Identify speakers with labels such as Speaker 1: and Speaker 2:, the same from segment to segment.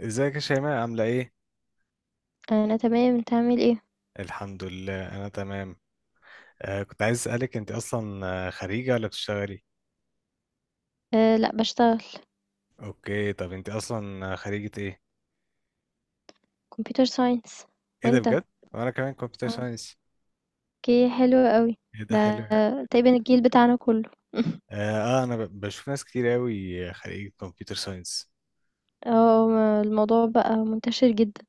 Speaker 1: ازيك يا شيماء عاملة ايه؟
Speaker 2: انا تمام، انت عامل ايه؟
Speaker 1: الحمد لله انا تمام. كنت عايز اسألك انت اصلا خريجة ولا بتشتغلي؟
Speaker 2: أه لا، بشتغل.
Speaker 1: اوكي، طب انت اصلا خريجة ايه؟
Speaker 2: كمبيوتر ساينس.
Speaker 1: ايه ده
Speaker 2: وانت؟
Speaker 1: بجد؟ وانا كمان كمبيوتر
Speaker 2: آه،
Speaker 1: ساينس.
Speaker 2: اوكي، حلو قوي.
Speaker 1: ايه ده
Speaker 2: ده
Speaker 1: حلو، اه.
Speaker 2: تقريبا الجيل بتاعنا كله.
Speaker 1: انا بشوف ناس كتير قوي خريجة كمبيوتر ساينس.
Speaker 2: اه، ما الموضوع بقى منتشر جدا.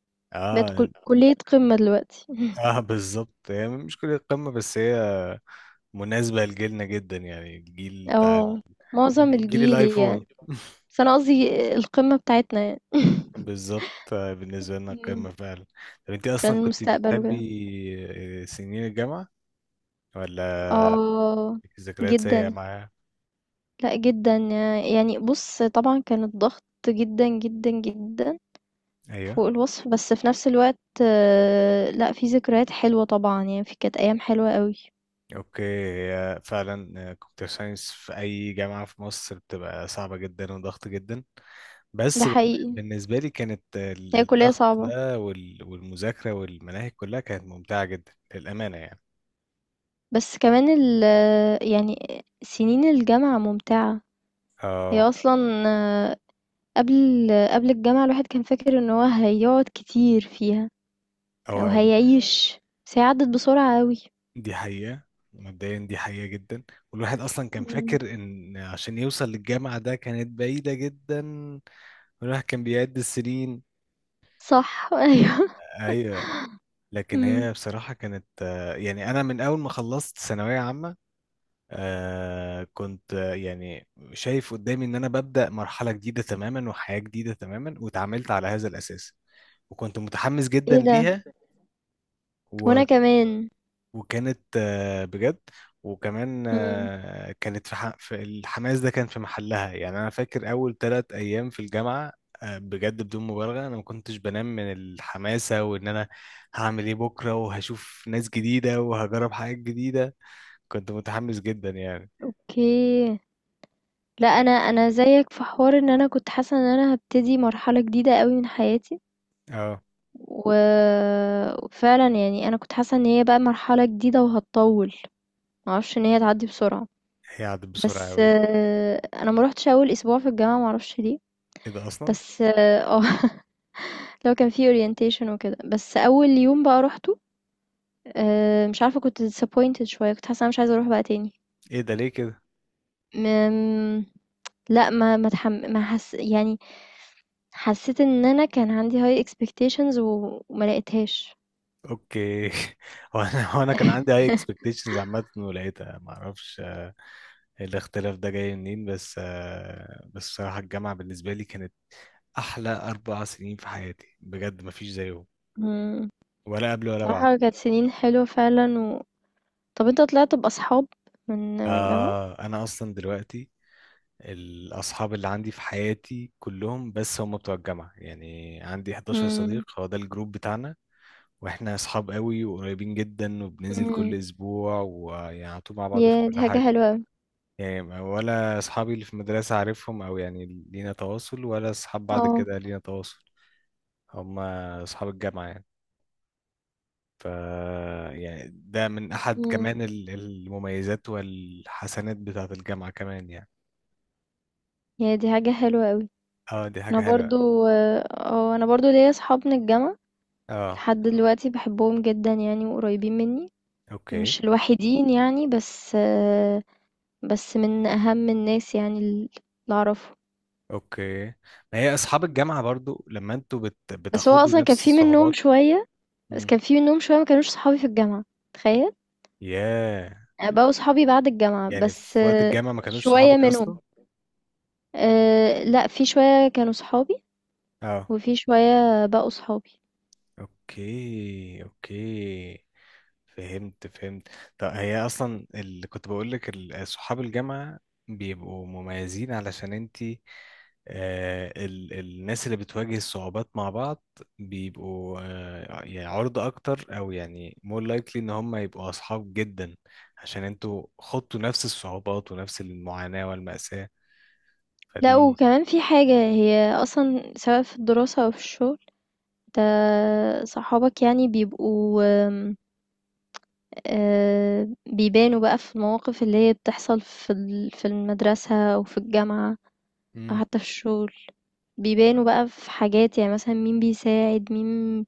Speaker 2: بقت
Speaker 1: اه.
Speaker 2: كلية قمة دلوقتي.
Speaker 1: اه بالظبط، هي مش كلية قمة بس هي مناسبة لجيلنا جدا، يعني
Speaker 2: اه، معظم
Speaker 1: جيل، جيل
Speaker 2: الجيل
Speaker 1: الايفون.
Speaker 2: يعني. بس انا قصدي القمة بتاعتنا يعني.
Speaker 1: بالظبط، بالنسبة لنا
Speaker 2: مم.
Speaker 1: قمة فعلا. طب انت
Speaker 2: عشان
Speaker 1: اصلا كنت
Speaker 2: المستقبل
Speaker 1: بتحبي
Speaker 2: وكده.
Speaker 1: سنين الجامعة ولا
Speaker 2: اه
Speaker 1: ليكي ذكريات
Speaker 2: جدا.
Speaker 1: سيئة معاها؟
Speaker 2: لا جدا يعني. بص طبعا كان الضغط جدا جدا جدا
Speaker 1: ايوه.
Speaker 2: فوق الوصف، بس في نفس الوقت لأ، في ذكريات حلوة طبعًا يعني، ف كانت أيام حلوة أوي.
Speaker 1: اوكي، هي فعلا كمبيوتر ساينس في اي جامعة في مصر بتبقى صعبة جدا وضغط جدا،
Speaker 2: ده
Speaker 1: بس
Speaker 2: حقيقي،
Speaker 1: بالنسبة لي كانت
Speaker 2: هي الكلية
Speaker 1: الضغط
Speaker 2: صعبة،
Speaker 1: ده والمذاكرة والمناهج كلها كانت ممتعة جدا للأمانة يعني.
Speaker 2: بس كمان يعني سنين الجامعة ممتعة. هي
Speaker 1: اه.
Speaker 2: أصلًا، آه، قبل قبل الجامعة الواحد كان فاكر إن هو هيقعد كتير فيها
Speaker 1: هو
Speaker 2: أو هيعيش، بس هي عدّت بسرعة أوي.
Speaker 1: دي حقيقة، مبدئيا دي حقيقة جدا، والواحد أصلا كان
Speaker 2: إمم،
Speaker 1: فاكر إن عشان يوصل للجامعة ده كانت بعيدة جدا، والواحد كان بيعد السنين.
Speaker 2: صح. أيوه.
Speaker 1: أيوة، لكن
Speaker 2: إمم.
Speaker 1: هي بصراحة كانت يعني أنا من أول ما خلصت ثانوية عامة كنت يعني شايف قدامي إن أنا ببدأ مرحلة جديدة تماما وحياة جديدة تماما، واتعاملت على هذا الأساس وكنت متحمس جدا
Speaker 2: إيه ده!
Speaker 1: ليها
Speaker 2: وأنا
Speaker 1: و...
Speaker 2: كمان.
Speaker 1: وكانت بجد. وكمان
Speaker 2: إمم.
Speaker 1: كانت في الحماس ده كان في محلها، يعني انا فاكر اول ثلاث ايام في الجامعه بجد بدون مبالغه انا ما كنتش بنام من الحماسه، وان انا هعمل ايه بكره وهشوف ناس جديده وهجرب حاجات جديده. كنت متحمس جدا يعني.
Speaker 2: أوكي. لا، انا زيك في حوار ان انا كنت حاسه ان انا هبتدي مرحله جديده قوي من حياتي،
Speaker 1: اه،
Speaker 2: وفعلا يعني انا كنت حاسه ان هي بقى مرحله جديده وهتطول. ما اعرفش ان هي تعدي بسرعه.
Speaker 1: هي عدت بسرعه
Speaker 2: بس
Speaker 1: قوي.
Speaker 2: آه، انا ما روحتش اول اسبوع في الجامعه، ما اعرفش ليه.
Speaker 1: ايه ده اصلا؟
Speaker 2: بس اه. لو كان في اورينتيشن وكده، بس اول يوم بقى روحته. آه، مش عارفه، كنت disappointed شويه، كنت حاسه انا مش عايزه اروح بقى تاني.
Speaker 1: ايه ده ليه كده؟
Speaker 2: م- لا، ما ما تحم... ما حس... يعني حسيت إن أنا كان عندي high expectations وما لقيتهاش.
Speaker 1: اوكي. هو انا كان عندي هاي اكسبكتيشنز عامه ولقيتها، ما اعرفش الاختلاف ده جاي منين، بس بس صراحة الجامعة بالنسبة لي كانت أحلى أربع سنين في حياتي، بجد مفيش زيهم،
Speaker 2: إمم.
Speaker 1: ولا قبل ولا بعد.
Speaker 2: بصراحة كانت سنين حلوة فعلًا. و طَب أنت طلعت بأصحاب من الجامعة؟
Speaker 1: آه أنا أصلا دلوقتي الأصحاب اللي عندي في حياتي كلهم بس هم بتوع الجامعة، يعني عندي 11
Speaker 2: إمم.
Speaker 1: صديق هو ده الجروب بتاعنا، وإحنا أصحاب قوي وقريبين جدا وبننزل
Speaker 2: إمم.
Speaker 1: كل أسبوع ويعني على طول مع بعض في
Speaker 2: ياه! دي
Speaker 1: كل
Speaker 2: حاجة
Speaker 1: حاجة.
Speaker 2: حلوة أوي.
Speaker 1: يعني ولا أصحابي اللي في المدرسة عارفهم، أو يعني لينا تواصل، ولا أصحاب بعد
Speaker 2: آه.
Speaker 1: كده لينا تواصل. هم أصحاب الجامعة يعني. يعني ده من أحد
Speaker 2: إمم.
Speaker 1: كمان المميزات والحسنات بتاعة الجامعة كمان يعني.
Speaker 2: ياه! دي حاجة حلوة أوي.
Speaker 1: اه دي
Speaker 2: أنا
Speaker 1: حاجة حلوة.
Speaker 2: برضه، آه، أنا برضه ليّا أصحاب من الجامعة
Speaker 1: اه.
Speaker 2: لحد دلوقتي، باحبهم جدًا يعني وقريبين منّي.
Speaker 1: اوكي
Speaker 2: مش الوحيدين يعني، بس آه، بس من أهم الناس يعني اللي أعرفهم.
Speaker 1: اوكي. ما هي أصحاب الجامعة برضو لما انتوا
Speaker 2: بس هو
Speaker 1: بتاخدوا
Speaker 2: أصلًا كان
Speaker 1: نفس
Speaker 2: في منّهم
Speaker 1: الصعوبات.
Speaker 2: شوية. بس
Speaker 1: مم.
Speaker 2: كان في منهم شوية ما كانوش صحابي في الجامعة، تخيل.
Speaker 1: ياه،
Speaker 2: يعني بقوا صحابي بعد الجامعة،
Speaker 1: يعني
Speaker 2: بس
Speaker 1: في وقت
Speaker 2: آه،
Speaker 1: الجامعة ما كانوش
Speaker 2: شوية
Speaker 1: صحابك
Speaker 2: منهم.
Speaker 1: أصلا.
Speaker 2: أه لا، في شوية كانوا صحابي
Speaker 1: اه.
Speaker 2: وفي شوية بقوا صحابي.
Speaker 1: اوكي اوكي، فهمت فهمت. طب هي اصلا اللي كنت بقول لك صحاب الجامعه بيبقوا مميزين علشان انتي، آه الناس اللي بتواجه الصعوبات مع بعض بيبقوا آه يعني عرضة اكتر، او يعني more likely ان هم يبقوا اصحاب جدا، عشان انتوا خضتوا نفس الصعوبات ونفس المعاناة والمأساة.
Speaker 2: لا،
Speaker 1: فدي،
Speaker 2: وكمان في حاجة، هي أصلا سواء في الدراسة أو في الشغل، انت صحابك يعني بيبقوا آم، آه، بيبانوا بقى في المواقف اللي هي بتحصل في المدرسة أو في الجامعة أو
Speaker 1: مم.
Speaker 2: حتى في الشغل. بيبانوا بقى في حاجات يعني، مثلا مين بيساعد مين،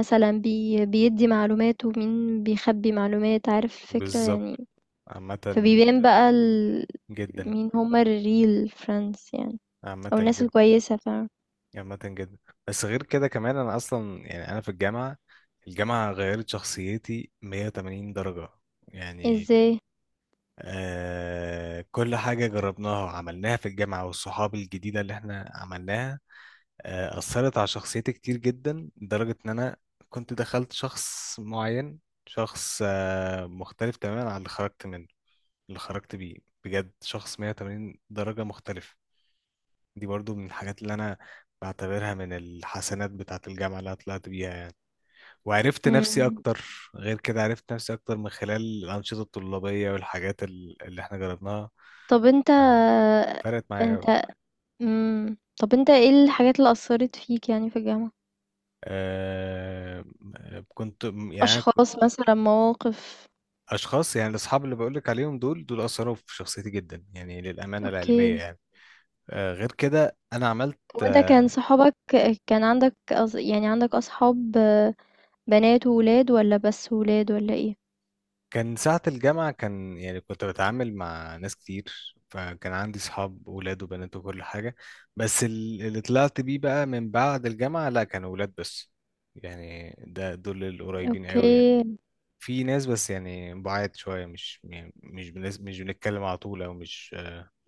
Speaker 2: مثلا بيدي معلومات ومين بيخبي معلومات، عارف الفكرة
Speaker 1: بالظبط.
Speaker 2: يعني.
Speaker 1: عامة
Speaker 2: فبيبان بقى
Speaker 1: جدا،
Speaker 2: مين هما الريل فريندز يعني،
Speaker 1: عامة
Speaker 2: او الناس
Speaker 1: جدا،
Speaker 2: الكويسة، فاهم؟
Speaker 1: عامة جدا. بس غير كده كمان انا اصلا، يعني انا في الجامعة غيرت شخصيتي 180 درجة يعني.
Speaker 2: ازاي؟
Speaker 1: آه كل حاجة جربناها وعملناها في الجامعة والصحاب الجديدة اللي احنا عملناها آه أثرت على شخصيتي كتير جدا، لدرجة ان انا كنت دخلت شخص معين، شخص آه مختلف تماما عن اللي خرجت منه، اللي خرجت بيه، بجد شخص 180 درجة مختلف. دي برضو من الحاجات اللي انا بعتبرها من الحسنات بتاعة الجامعة اللي أنا طلعت بيها يعني، وعرفت نفسي
Speaker 2: مم.
Speaker 1: اكتر. غير كده عرفت نفسي اكتر من خلال الأنشطة الطلابية والحاجات اللي احنا جربناها.
Speaker 2: طب انت
Speaker 1: آه، فرقت معايا أوي.
Speaker 2: انت مم. طب انت ايه الحاجات اللي اثرت فيك يعني في الجامعة؟
Speaker 1: أه كنت م- يعني ك-
Speaker 2: اشخاص مثلا، مواقف؟
Speaker 1: أشخاص، يعني الأصحاب اللي بقولك عليهم دول أثروا في شخصيتي جدا يعني للأمانة العلمية
Speaker 2: اوكي.
Speaker 1: يعني. أه غير كده أنا عملت،
Speaker 2: وانت كان صحابك، كان عندك يعني عندك اصحاب آه، بنات وولاد، ولا بس ولاد، ولا ايه؟
Speaker 1: كان ساعة الجامعة كان يعني كنت بتعامل مع ناس كتير، فكان عندي صحاب ولاد وبنات وكل حاجة، بس اللي طلعت بيه بقى من بعد الجامعة لا كانوا ولاد بس، يعني ده دول القريبين قوي يعني.
Speaker 2: اوكي.
Speaker 1: في ناس بس يعني بعاد شوية، مش يعني مش بنتكلم على طول، أو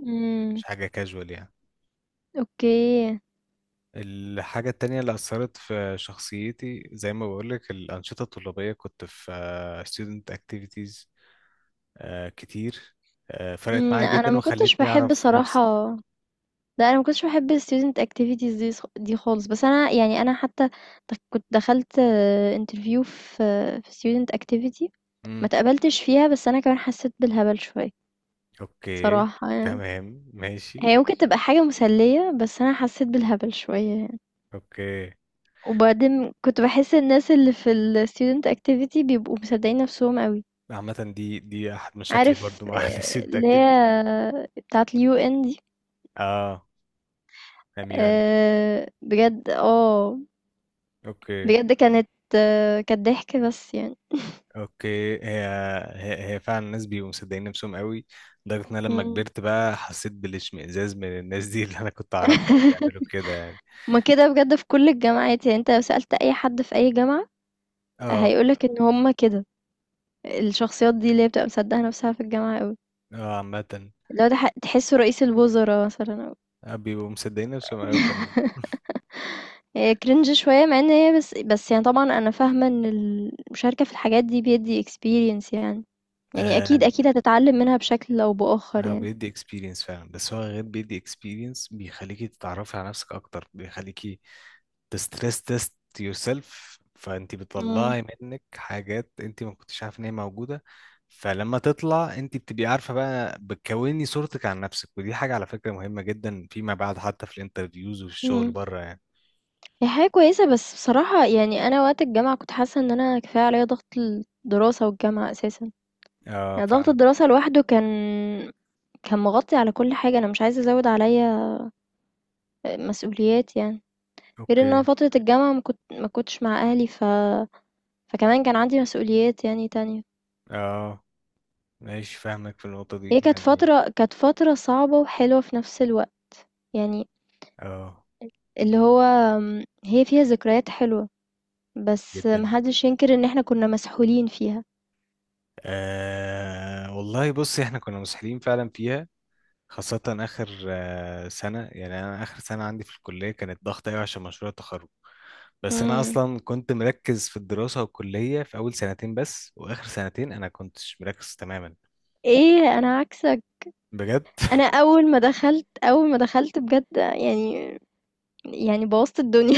Speaker 2: امم.
Speaker 1: مش حاجة كاجوال يعني.
Speaker 2: اوكي.
Speaker 1: الحاجة التانية اللي أثرت في شخصيتي زي ما بقولك الأنشطة الطلابية، كنت في student activities آه كتير، آه فرقت
Speaker 2: امم،
Speaker 1: معايا
Speaker 2: انا
Speaker 1: جدا
Speaker 2: ما كنتش
Speaker 1: وخلتني
Speaker 2: بحب
Speaker 1: اعرف
Speaker 2: صراحة.
Speaker 1: نفسي.
Speaker 2: لا، انا ما كنتش بحب ال student activities دي دي خالص. بس انا يعني انا حتى كنت دخلت interview في في student activity، ما
Speaker 1: امم.
Speaker 2: تقبلتش فيها. بس انا كمان حسيت بالهبل شوية
Speaker 1: اوكي.
Speaker 2: صراحة يعني.
Speaker 1: تمام ماشي.
Speaker 2: هي ممكن تبقى حاجة مسلية، بس انا حسيت بالهبل شوية.
Speaker 1: اوكي.
Speaker 2: وبعدين كنت باحس الناس اللي في الstudent activity بيبقوا مصدقين نفسهم أوي.
Speaker 1: عامة دي احد مشاكلي
Speaker 2: عارف
Speaker 1: برضو مع
Speaker 2: آه،
Speaker 1: الستودنت
Speaker 2: اللي هي
Speaker 1: اكتيفيتي.
Speaker 2: بتاعة اليو ان دي.
Speaker 1: اه، اميون.
Speaker 2: آه، بجد. اه
Speaker 1: اوكي.
Speaker 2: بجد كانت كانت ضحك بس يعني.
Speaker 1: اوكي، هي فعلا الناس بيبقوا مصدقين نفسهم قوي، لدرجة ان انا لما
Speaker 2: مم.
Speaker 1: كبرت بقى حسيت بالاشمئزاز من الناس دي اللي انا كنت اعرفها وبيعملوا كده يعني.
Speaker 2: هما كده بجد في كل الجامعات، يعني انت لو سألت أي حد في أي جامعة
Speaker 1: اه.
Speaker 2: هيقولك إن هما كده. الشخصيات دي اللي هي بتبقى مصدقة نفسها في الجامعة أوي،
Speaker 1: اه عامة
Speaker 2: لو ده تحسه رئيس الوزراء مثلا.
Speaker 1: بيبقوا مصدقين نفسهم قوي فعلا.
Speaker 2: هي cringe شوية، مع ان هي بس يعني طبعا انا فاهمة ان المشاركة في الحاجات دي بيدي experience يعني. يعني اكيد
Speaker 1: آه،
Speaker 2: اكيد هتتعلم منها بشكل او باخر
Speaker 1: هو
Speaker 2: يعني.
Speaker 1: بيدي اكسبيرينس فعلا، بس هو غير بيدي اكسبيرينس بيخليكي تتعرفي على نفسك اكتر، بيخليكي تستريس تيست يور سيلف، فانت
Speaker 2: مم.
Speaker 1: بتطلعي منك حاجات انت ما كنتش عارفه ان هي موجوده، فلما تطلع انت بتبقي عارفه بقى، بتكوني صورتك عن نفسك، ودي حاجه على فكره مهمه جدا فيما بعد، حتى في الانترفيوز وفي الشغل
Speaker 2: امم،
Speaker 1: بره يعني.
Speaker 2: هي حاجة كويسة، بس بصراحة يعني انا وقت الجامعة كنت حاسة ان انا كفاية عليا ضغط الدراسة والجامعة اساسا.
Speaker 1: اه
Speaker 2: يعني ضغط
Speaker 1: فاهم.
Speaker 2: الدراسة لوحده كان، كان مغطي على كل حاجة، انا مش عايزة ازود عليا مسؤوليات يعني. غير ان انا
Speaker 1: اوكي.
Speaker 2: فترة الجامعة ما كنتش مع اهلي، فكمان كان عندي مسؤوليات يعني تانية.
Speaker 1: اه ماشي فاهمك في النقطه
Speaker 2: هي
Speaker 1: دي
Speaker 2: كانت
Speaker 1: يعني.
Speaker 2: فترة، كانت فترة صعبة وحلوة في نفس الوقت يعني.
Speaker 1: اه
Speaker 2: اللي هو أم، هي فيها ذكريات حلوة، بس
Speaker 1: جدا.
Speaker 2: محدش ينكر ان احنا كنا مسحولين فيها.
Speaker 1: والله بصي احنا كنا مسحلين فعلا فيها، خاصة آخر سنة، يعني أنا آخر سنة عندي في الكلية كانت ضغطة أوي عشان مشروع التخرج، بس أنا
Speaker 2: امم.
Speaker 1: أصلا كنت مركز في الدراسة والكلية في أول سنتين بس، وآخر سنتين أنا كنتش مركز تماما.
Speaker 2: ايه، انا عكسك.
Speaker 1: بجد.
Speaker 2: انا اول ما دخلت بجد يعني، يعني بوظت الدنيا.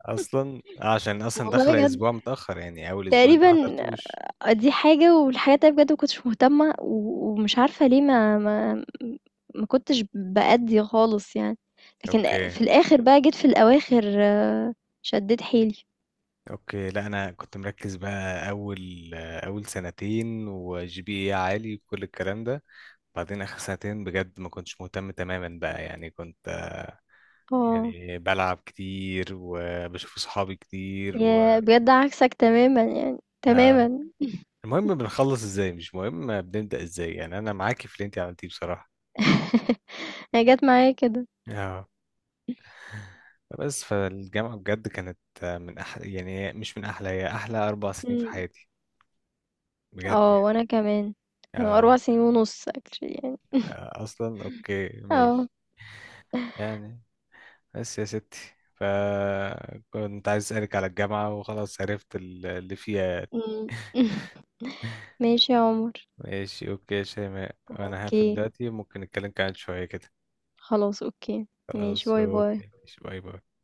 Speaker 1: أصلا عشان أصلا
Speaker 2: والله
Speaker 1: داخلة
Speaker 2: بجد
Speaker 1: أسبوع متأخر، يعني أول أسبوعين
Speaker 2: تقريبا.
Speaker 1: ما حضرتوش.
Speaker 2: دي حاجة، والحاجة التانية بجد ما كنتش مهتمة، ومش عارفة ليه، ما كنتش بأدّي خالص يعني، لكن
Speaker 1: أوكي
Speaker 2: في الآخر بقى جيت في الأواخر آه، شدّيت حيلي.
Speaker 1: أوكي، لا أنا كنت مركز بقى أول أول سنتين وجي بي إيه عالي وكل الكلام ده، بعدين آخر سنتين بجد ما كنتش مهتم تماما بقى، يعني كنت
Speaker 2: آه،
Speaker 1: يعني بلعب كتير وبشوف صحابي كتير
Speaker 2: ياه! بجد عكسك تمامًا يعني،
Speaker 1: آه.
Speaker 2: تمامًا.
Speaker 1: المهم بنخلص ازاي، مش مهم بنبدأ ازاي، يعني انا معاكي في اللي انت عملتيه بصراحة.
Speaker 2: هي جات معايا كده.
Speaker 1: اه، بس فالجامعة بجد كانت من أحلى، يعني مش من أحلى، هي أحلى أربع سنين في
Speaker 2: إمم.
Speaker 1: حياتي بجد
Speaker 2: آه،
Speaker 1: يعني.
Speaker 2: وأنا كمان. كانوا
Speaker 1: اه.
Speaker 2: 4 سنين ونُص actually يعني.
Speaker 1: أصلا أوكي
Speaker 2: آه.
Speaker 1: ماشي. يعني بس يا ستي، فكنت عايز أسألك على الجامعة وخلاص، عرفت اللي فيها يعني.
Speaker 2: إمم. ماشي يا عمر.
Speaker 1: ماشي اوكي يا شيماء، انا هقفل
Speaker 2: أوكي.
Speaker 1: دلوقتي، ممكن نتكلم كمان شوية كده.
Speaker 2: خلاص أوكي. ماشي،
Speaker 1: خلاص
Speaker 2: باي، باي.
Speaker 1: اوكي، ماشي، باي باي.